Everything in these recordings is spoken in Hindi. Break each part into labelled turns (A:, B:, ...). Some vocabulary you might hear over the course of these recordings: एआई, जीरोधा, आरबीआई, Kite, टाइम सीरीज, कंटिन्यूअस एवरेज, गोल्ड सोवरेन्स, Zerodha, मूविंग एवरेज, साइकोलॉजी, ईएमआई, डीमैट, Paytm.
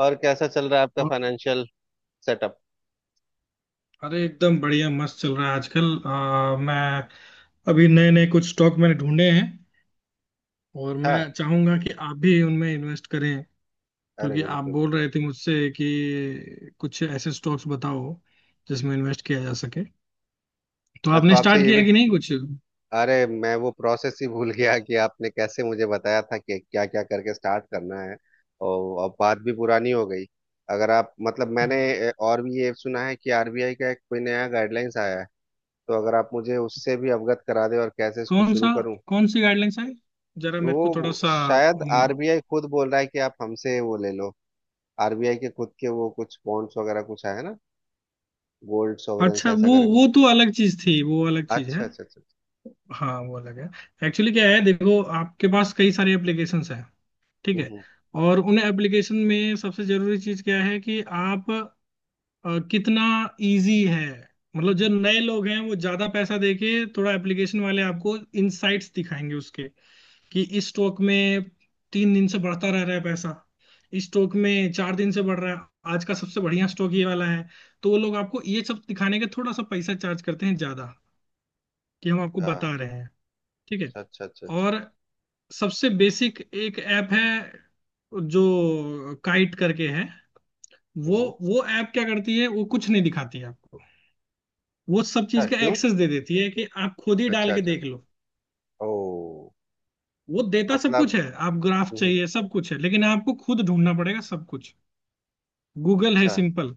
A: और कैसा चल रहा है आपका
B: और-
A: फाइनेंशियल सेटअप।
B: अरे एकदम बढ़िया मस्त चल रहा है आजकल। मैं अभी नए नए कुछ स्टॉक मैंने ढूंढे हैं और
A: हाँ।
B: मैं चाहूंगा कि आप भी उनमें इन्वेस्ट करें,
A: अरे
B: क्योंकि आप
A: बिल्कुल।
B: बोल रहे थे मुझसे कि कुछ ऐसे स्टॉक्स बताओ जिसमें इन्वेस्ट किया जा सके। तो
A: मैं तो
B: आपने
A: आपसे
B: स्टार्ट
A: ये
B: किया
A: भी,
B: कि नहीं कुछ?
A: अरे मैं वो प्रोसेस ही भूल गया कि आपने कैसे मुझे बताया था कि क्या क्या करके स्टार्ट करना है। और अब बात भी पुरानी हो गई। अगर आप मतलब मैंने और भी ये सुना है कि आरबीआई का एक कोई नया गाइडलाइंस आया है। तो अगर आप मुझे उससे भी अवगत करा दें और कैसे इसको
B: कौन
A: शुरू
B: सा?
A: करूं।
B: कौन सी गाइडलाइंस है? जरा मेरे को थोड़ा
A: वो
B: सा
A: शायद आरबीआई खुद बोल रहा है कि आप हमसे वो ले लो। आरबीआई के खुद के वो कुछ बॉन्ड्स वगैरह कुछ है ना। गोल्ड सोवरेन्स
B: अच्छा,
A: ऐसा
B: वो
A: करके।
B: वो तो अलग चीज थी, वो अलग चीज
A: अच्छा
B: है।
A: अच्छा अच्छा अच्छा।
B: हाँ वो अलग है। एक्चुअली क्या है, देखो आपके पास कई सारी एप्लीकेशंस है। ठीक है।
A: हम्म।
B: और उन एप्लीकेशन में सबसे जरूरी चीज क्या है कि आप कितना इजी है। मतलब जो नए लोग हैं वो ज्यादा पैसा देके थोड़ा एप्लीकेशन वाले आपको इनसाइट्स दिखाएंगे उसके, कि इस स्टॉक में 3 दिन से बढ़ता रह रहा है पैसा, इस स्टॉक में 4 दिन से बढ़ रहा है, आज का सबसे बढ़िया स्टॉक ये वाला है। तो वो लोग आपको ये सब दिखाने के थोड़ा सा पैसा चार्ज करते हैं ज्यादा, कि हम आपको
A: अच्छा
B: बता रहे हैं। ठीक है।
A: अच्छा अच्छा अच्छा अच्छा।
B: और सबसे बेसिक एक ऐप है जो काइट करके है। वो
A: हम्म।
B: वो ऐप क्या करती है, वो कुछ नहीं दिखाती है आपको। वो सब
A: अच्छा,
B: चीज का
A: क्यों।
B: एक्सेस दे देती है कि आप खुद ही
A: अच्छा
B: डाल के
A: अच्छा।
B: देख लो।
A: ओ।
B: वो देता सब
A: मतलब।
B: कुछ है, आप ग्राफ
A: हम्म।
B: चाहिए सब कुछ है, लेकिन आपको खुद ढूंढना पड़ेगा सब कुछ। गूगल है
A: अच्छा
B: सिंपल,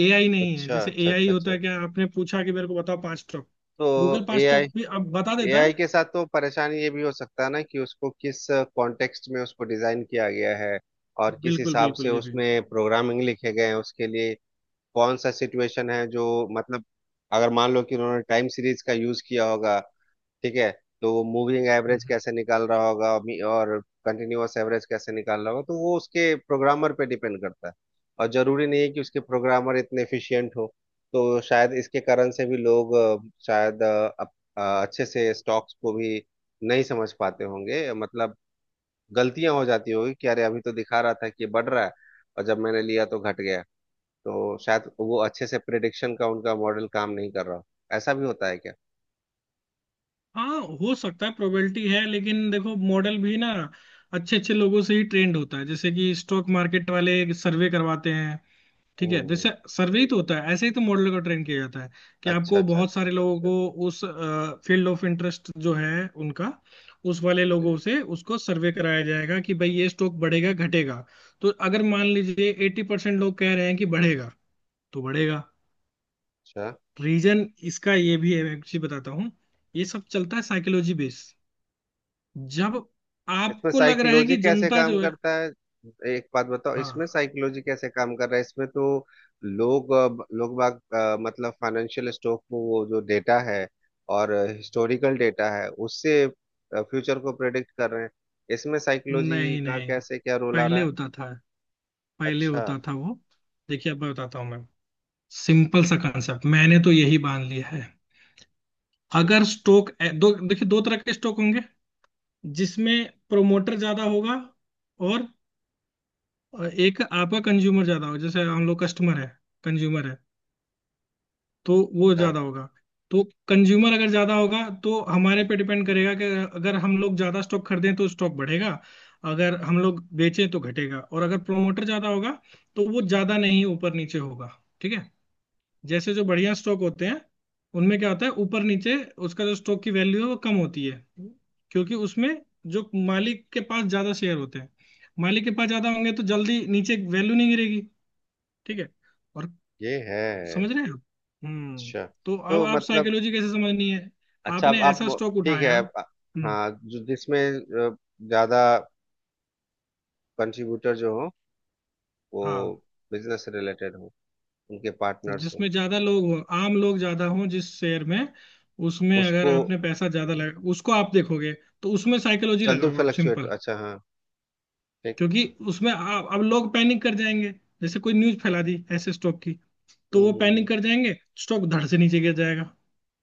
B: एआई नहीं है।
A: अच्छा
B: जैसे
A: अच्छा
B: एआई
A: अच्छा
B: होता
A: अच्छा
B: है
A: अच्छा।
B: क्या आपने पूछा कि मेरे को बताओ पांच टॉप, गूगल
A: तो
B: पांच
A: एआई,
B: टॉप भी अब बता देता
A: एआई
B: है।
A: के साथ तो परेशानी ये भी हो सकता है ना कि उसको किस कॉन्टेक्स्ट में उसको डिजाइन किया गया है और किस
B: बिल्कुल
A: हिसाब से
B: बिल्कुल, ये भी।
A: उसमें प्रोग्रामिंग लिखे गए हैं उसके लिए। कौन सा सिचुएशन है जो, मतलब अगर मान लो कि उन्होंने टाइम सीरीज का यूज किया होगा, ठीक है, तो वो मूविंग एवरेज कैसे निकाल रहा होगा और और कंटिन्यूअस एवरेज कैसे निकाल रहा होगा, तो वो उसके प्रोग्रामर पे डिपेंड करता है। और जरूरी नहीं है कि उसके प्रोग्रामर इतने एफिशिएंट हो। तो शायद इसके कारण से भी लोग शायद अच्छे से स्टॉक्स को भी नहीं समझ पाते होंगे, मतलब गलतियां हो जाती होगी कि अरे अभी तो दिखा रहा था कि ये बढ़ रहा है और जब मैंने लिया तो घट गया। तो शायद वो अच्छे से प्रिडिक्शन का उनका मॉडल काम नहीं कर रहा हो। ऐसा भी होता है क्या।
B: हाँ हो सकता है, प्रोबेबिलिटी है, लेकिन देखो मॉडल भी ना अच्छे अच्छे लोगों से ही ट्रेंड होता है। जैसे कि स्टॉक मार्केट वाले सर्वे करवाते हैं। ठीक है, जैसे
A: हम्म।
B: सर्वे ही तो होता है, ऐसे ही तो मॉडल का ट्रेंड किया जाता है कि
A: अच्छा
B: आपको
A: अच्छा।
B: बहुत सारे लोगों को उस फील्ड ऑफ इंटरेस्ट जो है उनका, उस वाले लोगों
A: जी।
B: से उसको सर्वे कराया जाएगा कि भाई ये स्टॉक बढ़ेगा घटेगा। तो अगर मान लीजिए 80% लोग कह रहे हैं कि बढ़ेगा तो बढ़ेगा।
A: अच्छा।
B: रीजन इसका ये भी है, मैं एक चीज बताता हूँ। ये सब चलता है साइकोलॉजी बेस। जब
A: इसमें
B: आपको लग रहा है
A: साइकोलॉजी
B: कि
A: कैसे
B: जनता
A: काम
B: जो है,
A: करता है। एक बात बताओ, इसमें
B: हाँ,
A: साइकोलॉजी कैसे काम कर रहा है, इसमें तो लोग लोग बाग मतलब फाइनेंशियल स्टॉक में वो जो डेटा है और हिस्टोरिकल डेटा है उससे फ्यूचर को प्रेडिक्ट कर रहे हैं। इसमें साइकोलॉजी
B: नहीं
A: का
B: नहीं,
A: कैसे क्या रोल आ
B: पहले
A: रहा है।
B: होता था पहले
A: अच्छा
B: होता था वो, देखिए अब मैं बताता हूँ। मैं सिंपल सा कंसेप्ट मैंने तो यही बांध लिया है।
A: अच्छा
B: अगर स्टॉक, दो देखिए दो तरह के स्टॉक होंगे। जिसमें प्रोमोटर ज्यादा होगा और एक आपका कंज्यूमर ज्यादा होगा। जैसे हम लोग कस्टमर है, कंज्यूमर है, तो वो
A: अच्छा,
B: ज्यादा होगा। तो कंज्यूमर अगर ज्यादा होगा तो हमारे पे डिपेंड करेगा कि अगर हम लोग ज्यादा स्टॉक खरीदें तो स्टॉक बढ़ेगा, अगर हम लोग बेचें तो घटेगा। और अगर प्रोमोटर ज्यादा होगा तो वो ज्यादा नहीं ऊपर नीचे होगा। ठीक है। जैसे जो बढ़िया स्टॉक होते हैं उनमें क्या होता है ऊपर नीचे, उसका जो स्टॉक की वैल्यू है वो कम होती है, क्योंकि उसमें जो मालिक के पास ज्यादा शेयर होते हैं, मालिक के पास ज्यादा होंगे तो जल्दी नीचे वैल्यू नहीं गिरेगी। ठीक है। और
A: ये है।
B: समझ रहे हैं आप? हम्म।
A: अच्छा।
B: तो अब
A: तो
B: आप
A: मतलब,
B: साइकोलॉजी कैसे समझनी है,
A: अच्छा अब
B: आपने
A: आप,
B: ऐसा स्टॉक
A: ठीक
B: उठाया।
A: है अब-,
B: हम्म।
A: हाँ जो जिसमें अ, ज्यादा कंट्रीब्यूटर जो हो, वो
B: हाँ,
A: बिजनेस रिलेटेड हो, उनके पार्टनर्स हो,
B: जिसमें ज्यादा लोग हो, आम लोग ज्यादा हो जिस शेयर में, उसमें अगर
A: उसको
B: आपने पैसा ज्यादा लगा उसको आप देखोगे, तो उसमें साइकोलॉजी
A: चल दो
B: लगाओ आप
A: फ्लक्चुएट,
B: सिंपल।
A: अच्छा हाँ। ठीक।
B: क्योंकि उसमें अब लोग पैनिक कर जाएंगे, जैसे कोई न्यूज फैला दी ऐसे स्टॉक की, तो वो
A: हम्म।
B: पैनिक कर जाएंगे, स्टॉक धड़ से नीचे गिर जाएगा।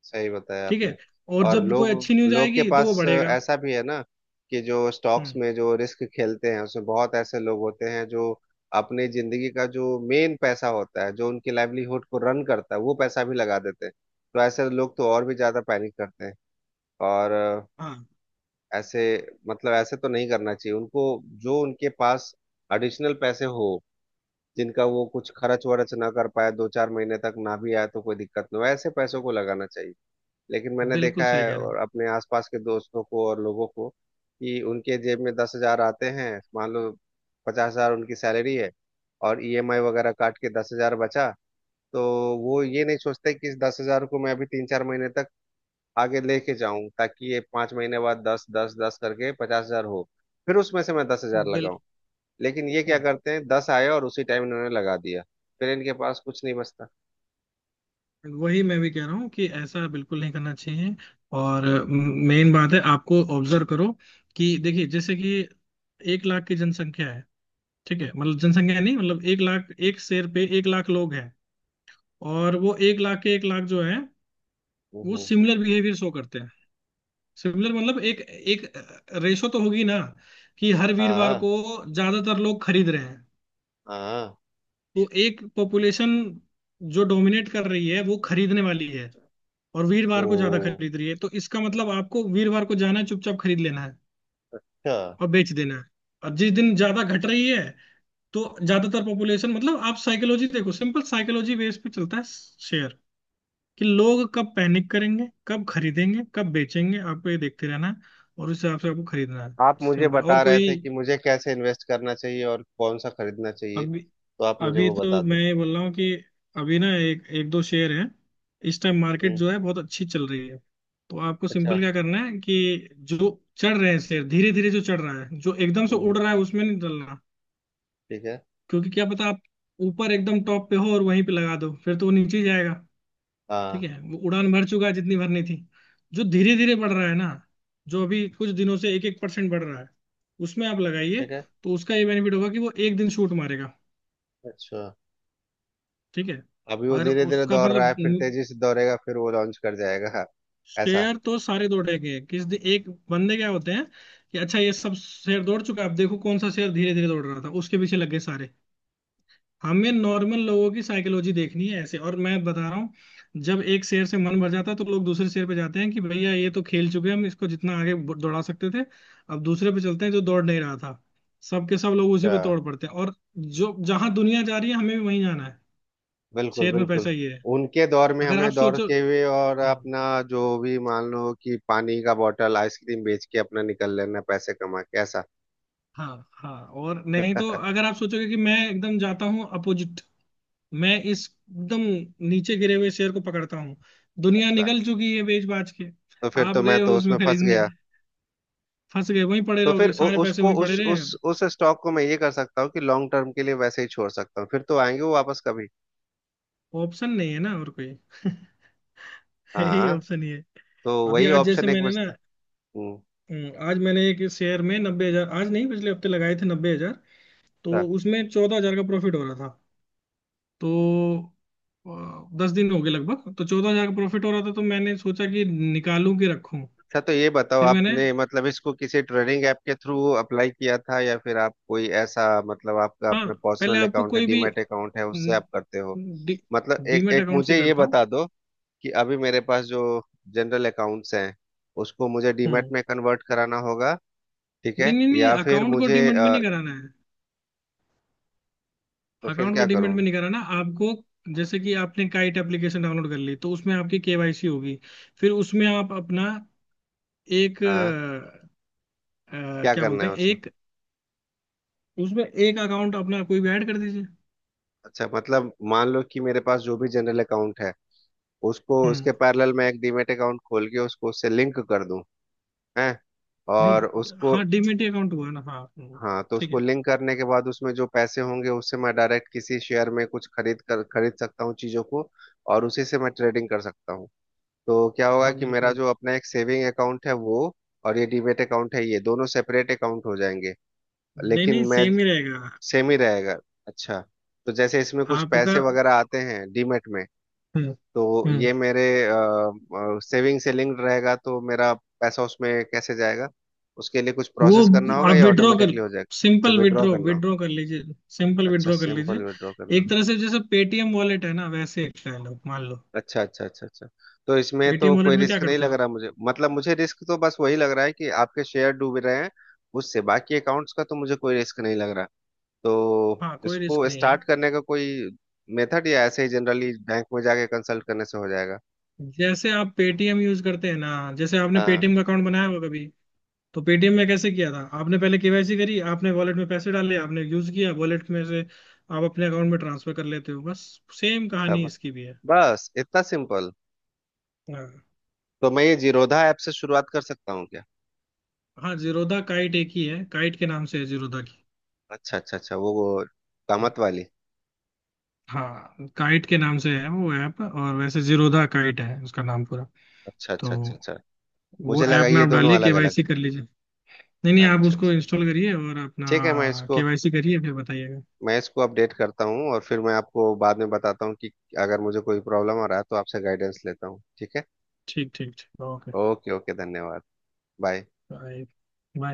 A: सही बताया
B: ठीक
A: आपने।
B: है। और
A: और
B: जब कोई
A: लोग,
B: अच्छी न्यूज
A: लोग के
B: आएगी तो वो
A: पास
B: बढ़ेगा।
A: ऐसा भी है ना कि जो स्टॉक्स
B: हम्म।
A: में जो रिस्क खेलते हैं उसमें बहुत ऐसे लोग होते हैं जो अपनी जिंदगी का जो मेन पैसा होता है जो उनकी लाइवलीहुड को रन करता है वो पैसा भी लगा देते हैं। तो ऐसे लोग तो और भी ज्यादा पैनिक करते हैं। और
B: हाँ,
A: ऐसे, मतलब ऐसे तो नहीं करना चाहिए उनको। जो उनके पास एडिशनल पैसे हो, जिनका वो कुछ खर्च वर्च ना कर पाए, 2-4 महीने तक ना भी आए तो कोई दिक्कत ना हो, ऐसे पैसों को लगाना चाहिए। लेकिन मैंने देखा
B: बिल्कुल सही
A: है,
B: कह रहे
A: और अपने आसपास के दोस्तों को और लोगों को, कि उनके जेब में 10 हजार आते हैं मान लो, 50 हजार उनकी सैलरी है, और ईएमआई वगैरह काट के 10 हजार बचा। तो वो ये नहीं सोचते कि इस 10 हजार को मैं अभी 3-4 महीने तक आगे लेके जाऊं ताकि ये 5 महीने बाद दस दस दस करके 50 हजार हो, फिर उसमें से मैं दस
B: हो,
A: हजार लगाऊं।
B: बिल्कुल।
A: लेकिन ये क्या
B: हाँ।
A: करते हैं, दस आए और उसी टाइम इन्होंने लगा दिया। फिर इनके पास कुछ नहीं बचता।
B: वही मैं भी कह रहा हूँ कि ऐसा बिल्कुल नहीं करना चाहिए। और मेन बात है आपको ऑब्जर्व करो, कि देखिए जैसे कि 1 लाख की जनसंख्या है। ठीक है, मतलब जनसंख्या नहीं, मतलब 1 लाख, एक शेर पे 1 लाख लोग हैं। और वो 1 लाख के 1 लाख जो है वो
A: हम्म।
B: सिमिलर बिहेवियर शो करते हैं। सिमिलर मतलब एक एक रेशो तो होगी ना, कि हर वीरवार
A: हाँ
B: को ज्यादातर लोग खरीद रहे हैं,
A: हाँ।
B: तो एक पॉपुलेशन जो डोमिनेट कर रही है वो खरीदने वाली है और वीरवार को ज्यादा
A: ओ।
B: खरीद रही है, तो इसका मतलब आपको वीरवार को जाना है चुपचाप, खरीद लेना है
A: अच्छा,
B: और बेच देना है। और जिस दिन ज्यादा घट रही है तो ज्यादातर पॉपुलेशन, मतलब आप साइकोलॉजी देखो, सिंपल साइकोलॉजी बेस पे चलता है शेयर, कि लोग कब पैनिक करेंगे, कब खरीदेंगे, कब बेचेंगे, आपको ये देखते रहना है और उस हिसाब से आपको खरीदना है।
A: आप मुझे
B: सिंपल और
A: बता रहे
B: कोई।
A: थे कि मुझे कैसे इन्वेस्ट करना चाहिए और कौन सा खरीदना चाहिए,
B: अब
A: तो आप मुझे
B: अभी
A: वो बता
B: तो मैं
A: दो।
B: ये बोल रहा हूँ कि अभी ना एक एक दो शेयर हैं, इस टाइम मार्केट
A: हम्म।
B: जो है बहुत अच्छी चल रही है। तो आपको
A: अच्छा।
B: सिंपल क्या करना है कि जो चढ़ रहे हैं शेयर धीरे धीरे, जो चढ़ रहा है जो एकदम से
A: हम्म।
B: उड़ रहा है उसमें नहीं डलना।
A: ठीक है।
B: क्योंकि क्या पता आप ऊपर एकदम टॉप पे हो और वहीं पे लगा दो फिर तो वो नीचे ही जाएगा। ठीक
A: हाँ।
B: है, वो उड़ान भर चुका है जितनी भरनी थी। जो धीरे धीरे बढ़ रहा है ना, जो अभी कुछ दिनों से 1-1% बढ़ रहा है, उसमें आप लगाइए।
A: ठीक है।
B: तो उसका ये बेनिफिट होगा कि वो एक दिन शूट मारेगा।
A: अच्छा,
B: ठीक है।
A: अभी वो
B: और
A: धीरे धीरे
B: उसका
A: दौड़ रहा है
B: मतलब,
A: फिर तेजी से दौड़ेगा फिर वो लॉन्च कर जाएगा। ऐसा।
B: शेयर तो सारे दौड़ेंगे, किस दिन एक बंदे क्या होते हैं कि अच्छा ये सब शेयर दौड़ चुका है, अब देखो कौन सा शेयर धीरे धीरे दौड़ रहा था, उसके पीछे लग गए सारे। हमें नॉर्मल लोगों की साइकोलॉजी देखनी है ऐसे, और मैं बता रहा हूँ जब एक शेयर से मन भर जाता है तो लोग दूसरे शेयर पे जाते हैं कि भैया ये तो खेल चुके हैं, हम इसको जितना आगे दौड़ा सकते थे, अब दूसरे पे चलते हैं जो दौड़ नहीं रहा था। सबके सब लोग उसी
A: अच्छा,
B: पे दौड़ पड़ते हैं, और जो जहां दुनिया जा रही है हमें भी वहीं जाना है।
A: बिल्कुल
B: शेयर में
A: बिल्कुल।
B: पैसा ये है,
A: उनके दौर में
B: अगर आप
A: हमें दौड़
B: सोचो।
A: के हुए और
B: हम्म।
A: अपना जो भी, मान लो कि पानी का बोतल आइसक्रीम बेच के अपना निकल लेना, पैसे कमा के ऐसा।
B: हाँ हाँ, और नहीं तो अगर आप सोचोगे कि मैं एकदम जाता हूँ अपोजिट, मैं इस एकदम नीचे गिरे हुए शेयर को पकड़ता हूँ, दुनिया
A: अच्छा,
B: निकल चुकी है बेच बाच के,
A: तो फिर
B: आप
A: तो मैं
B: गए हो
A: तो उसमें
B: उसमें
A: फंस
B: खरीदने,
A: गया।
B: फंस गए वहीं पड़े
A: तो फिर
B: रहोगे, सारे पैसे
A: उसको
B: वहीं पड़े
A: उस
B: रहे हैं।
A: उस उस स्टॉक को मैं ये कर सकता हूँ कि लॉन्ग टर्म के लिए वैसे ही छोड़ सकता हूँ, फिर तो आएंगे वो वापस कभी।
B: ऑप्शन नहीं है ना और कोई यही
A: हाँ।
B: ऑप्शन ही है।
A: तो
B: अभी
A: वही
B: आज जैसे
A: ऑप्शन एक
B: मैंने ना,
A: बचता। हम्म।
B: आज मैंने एक शेयर में 90,000, आज नहीं पिछले हफ्ते लगाए थे 90,000, तो उसमें 14,000 का प्रॉफिट हो रहा था। तो 10 दिन हो गए लगभग, तो 14,000 का प्रॉफिट हो रहा था तो मैंने सोचा कि निकालूं कि रखूं।
A: अच्छा, तो ये बताओ
B: फिर मैंने,
A: आपने मतलब इसको किसी ट्रेडिंग ऐप के थ्रू अप्लाई किया था, या फिर आप कोई ऐसा मतलब आपका
B: हाँ,
A: अपना
B: पहले
A: पर्सनल
B: आपको
A: अकाउंट है,
B: कोई भी
A: डीमैट अकाउंट है, उससे
B: न,
A: आप करते हो।
B: डी,
A: मतलब एक
B: डीमेट
A: एक
B: अकाउंट से
A: मुझे ये
B: करता हूँ।
A: बता दो कि अभी मेरे पास जो जनरल अकाउंट्स हैं उसको मुझे डीमैट
B: हम्म।
A: में कन्वर्ट कराना होगा, ठीक
B: नहीं
A: है,
B: नहीं नहीं,
A: या फिर
B: अकाउंट को डीमेट में नहीं कराना है,
A: तो फिर
B: अकाउंट को
A: क्या
B: डीमेट
A: करूं।
B: में नहीं कराना आपको। जैसे कि आपने काइट एप्लीकेशन डाउनलोड कर ली तो उसमें आपकी केवाईसी होगी, फिर उसमें आप अपना एक
A: हाँ। क्या
B: क्या
A: करना
B: बोलते
A: है
B: हैं,
A: उसको।
B: एक उसमें एक अकाउंट अपना कोई भी ऐड कर दीजिए।
A: अच्छा मतलब मान लो कि मेरे पास जो भी जनरल अकाउंट है, उसको
B: हम्म,
A: उसके पैरेलल मैं एक डीमैट अकाउंट खोल के उसको उससे लिंक कर दूं। हैं। और
B: नहीं
A: उसको,
B: हाँ डीमेट अकाउंट हुआ ना। हाँ।
A: हाँ, तो
B: ठीक
A: उसको
B: है।
A: लिंक करने के बाद उसमें जो पैसे होंगे उससे मैं डायरेक्ट किसी शेयर में कुछ खरीद कर खरीद सकता हूँ चीजों को, और उसी से मैं ट्रेडिंग कर सकता हूँ। तो क्या होगा
B: हाँ
A: कि मेरा
B: बिल्कुल।
A: जो अपना एक सेविंग अकाउंट है वो, और ये डीमेट अकाउंट है, ये दोनों सेपरेट अकाउंट हो जाएंगे।
B: नहीं
A: लेकिन
B: नहीं,
A: मैं,
B: सेम ही रहेगा
A: सेम ही रहेगा। अच्छा। तो जैसे इसमें कुछ
B: आपका।
A: पैसे वगैरह आते हैं डीमेट में,
B: हम्म।
A: तो
B: हम्म।
A: ये मेरे सेविंग से लिंक्ड रहेगा, तो मेरा पैसा उसमें कैसे जाएगा, उसके लिए कुछ
B: वो
A: प्रोसेस करना होगा
B: आप
A: या
B: विड्रॉ कर,
A: ऑटोमेटिकली हो जाएगा। अच्छा,
B: सिंपल
A: विड्रॉ
B: विड्रॉ
A: करना हो।
B: विड्रॉ कर लीजिए, सिंपल
A: अच्छा,
B: विड्रॉ कर
A: सिंपल
B: लीजिए।
A: विड्रॉ करना
B: एक
A: हो।
B: तरह से जैसे पेटीएम वॉलेट है ना, वैसे एक स्टाइल है मान लो।
A: अच्छा अच्छा अच्छा अच्छा। तो इसमें तो
B: पेटीएम वॉलेट
A: कोई
B: में क्या
A: रिस्क नहीं
B: करते
A: लग
B: हो?
A: रहा मुझे, मतलब मुझे रिस्क तो बस वही लग रहा है कि आपके शेयर डूब रहे हैं, उससे बाकी अकाउंट्स का तो मुझे कोई रिस्क नहीं लग रहा। तो
B: हाँ, कोई रिस्क
A: इसको
B: नहीं है।
A: स्टार्ट करने का कोई मेथड, या ऐसे ही जनरली बैंक में जाके कंसल्ट करने से हो जाएगा।
B: जैसे आप पेटीएम यूज करते हैं ना, जैसे आपने
A: हाँ।
B: पेटीएम का अकाउंट बनाया होगा कभी, तो पेटीएम में कैसे किया था आपने? पहले केवाईसी करी, आपने वॉलेट में पैसे डाले, आपने यूज किया वॉलेट में से आप अपने अकाउंट में ट्रांसफर कर लेते हो बस। सेम कहानी
A: तब,
B: इसकी भी है।
A: बस इतना सिंपल।
B: हाँ।
A: तो मैं ये जीरोधा ऐप से शुरुआत कर सकता हूँ क्या।
B: हाँ जीरोधा काइट एक ही है, काइट के नाम से है जीरोधा की।
A: अच्छा अच्छा अच्छा, वो कामत वाली।
B: हाँ काइट के नाम से है वो ऐप, और वैसे जीरोधा काइट है उसका नाम पूरा।
A: अच्छा
B: तो
A: अच्छा अच्छा अच्छा।
B: वो
A: मुझे लगा
B: ऐप में
A: ये
B: आप
A: दोनों
B: डालिए,
A: अलग अलग।
B: केवाईसी कर लीजिए। नहीं नहीं आप
A: अच्छा
B: उसको
A: अच्छा।
B: इंस्टॉल करिए और
A: ठीक है मैं
B: अपना
A: इसको,
B: केवाईसी करिए, फिर बताइएगा।
A: मैं इसको अपडेट करता हूँ और फिर मैं आपको बाद में बताता हूँ कि अगर मुझे कोई प्रॉब्लम आ रहा है तो आपसे गाइडेंस लेता हूँ, ठीक है।
B: ठीक ठीक ठीक, ओके।
A: ओके ओके, धन्यवाद। बाय।
B: बाय। बाय।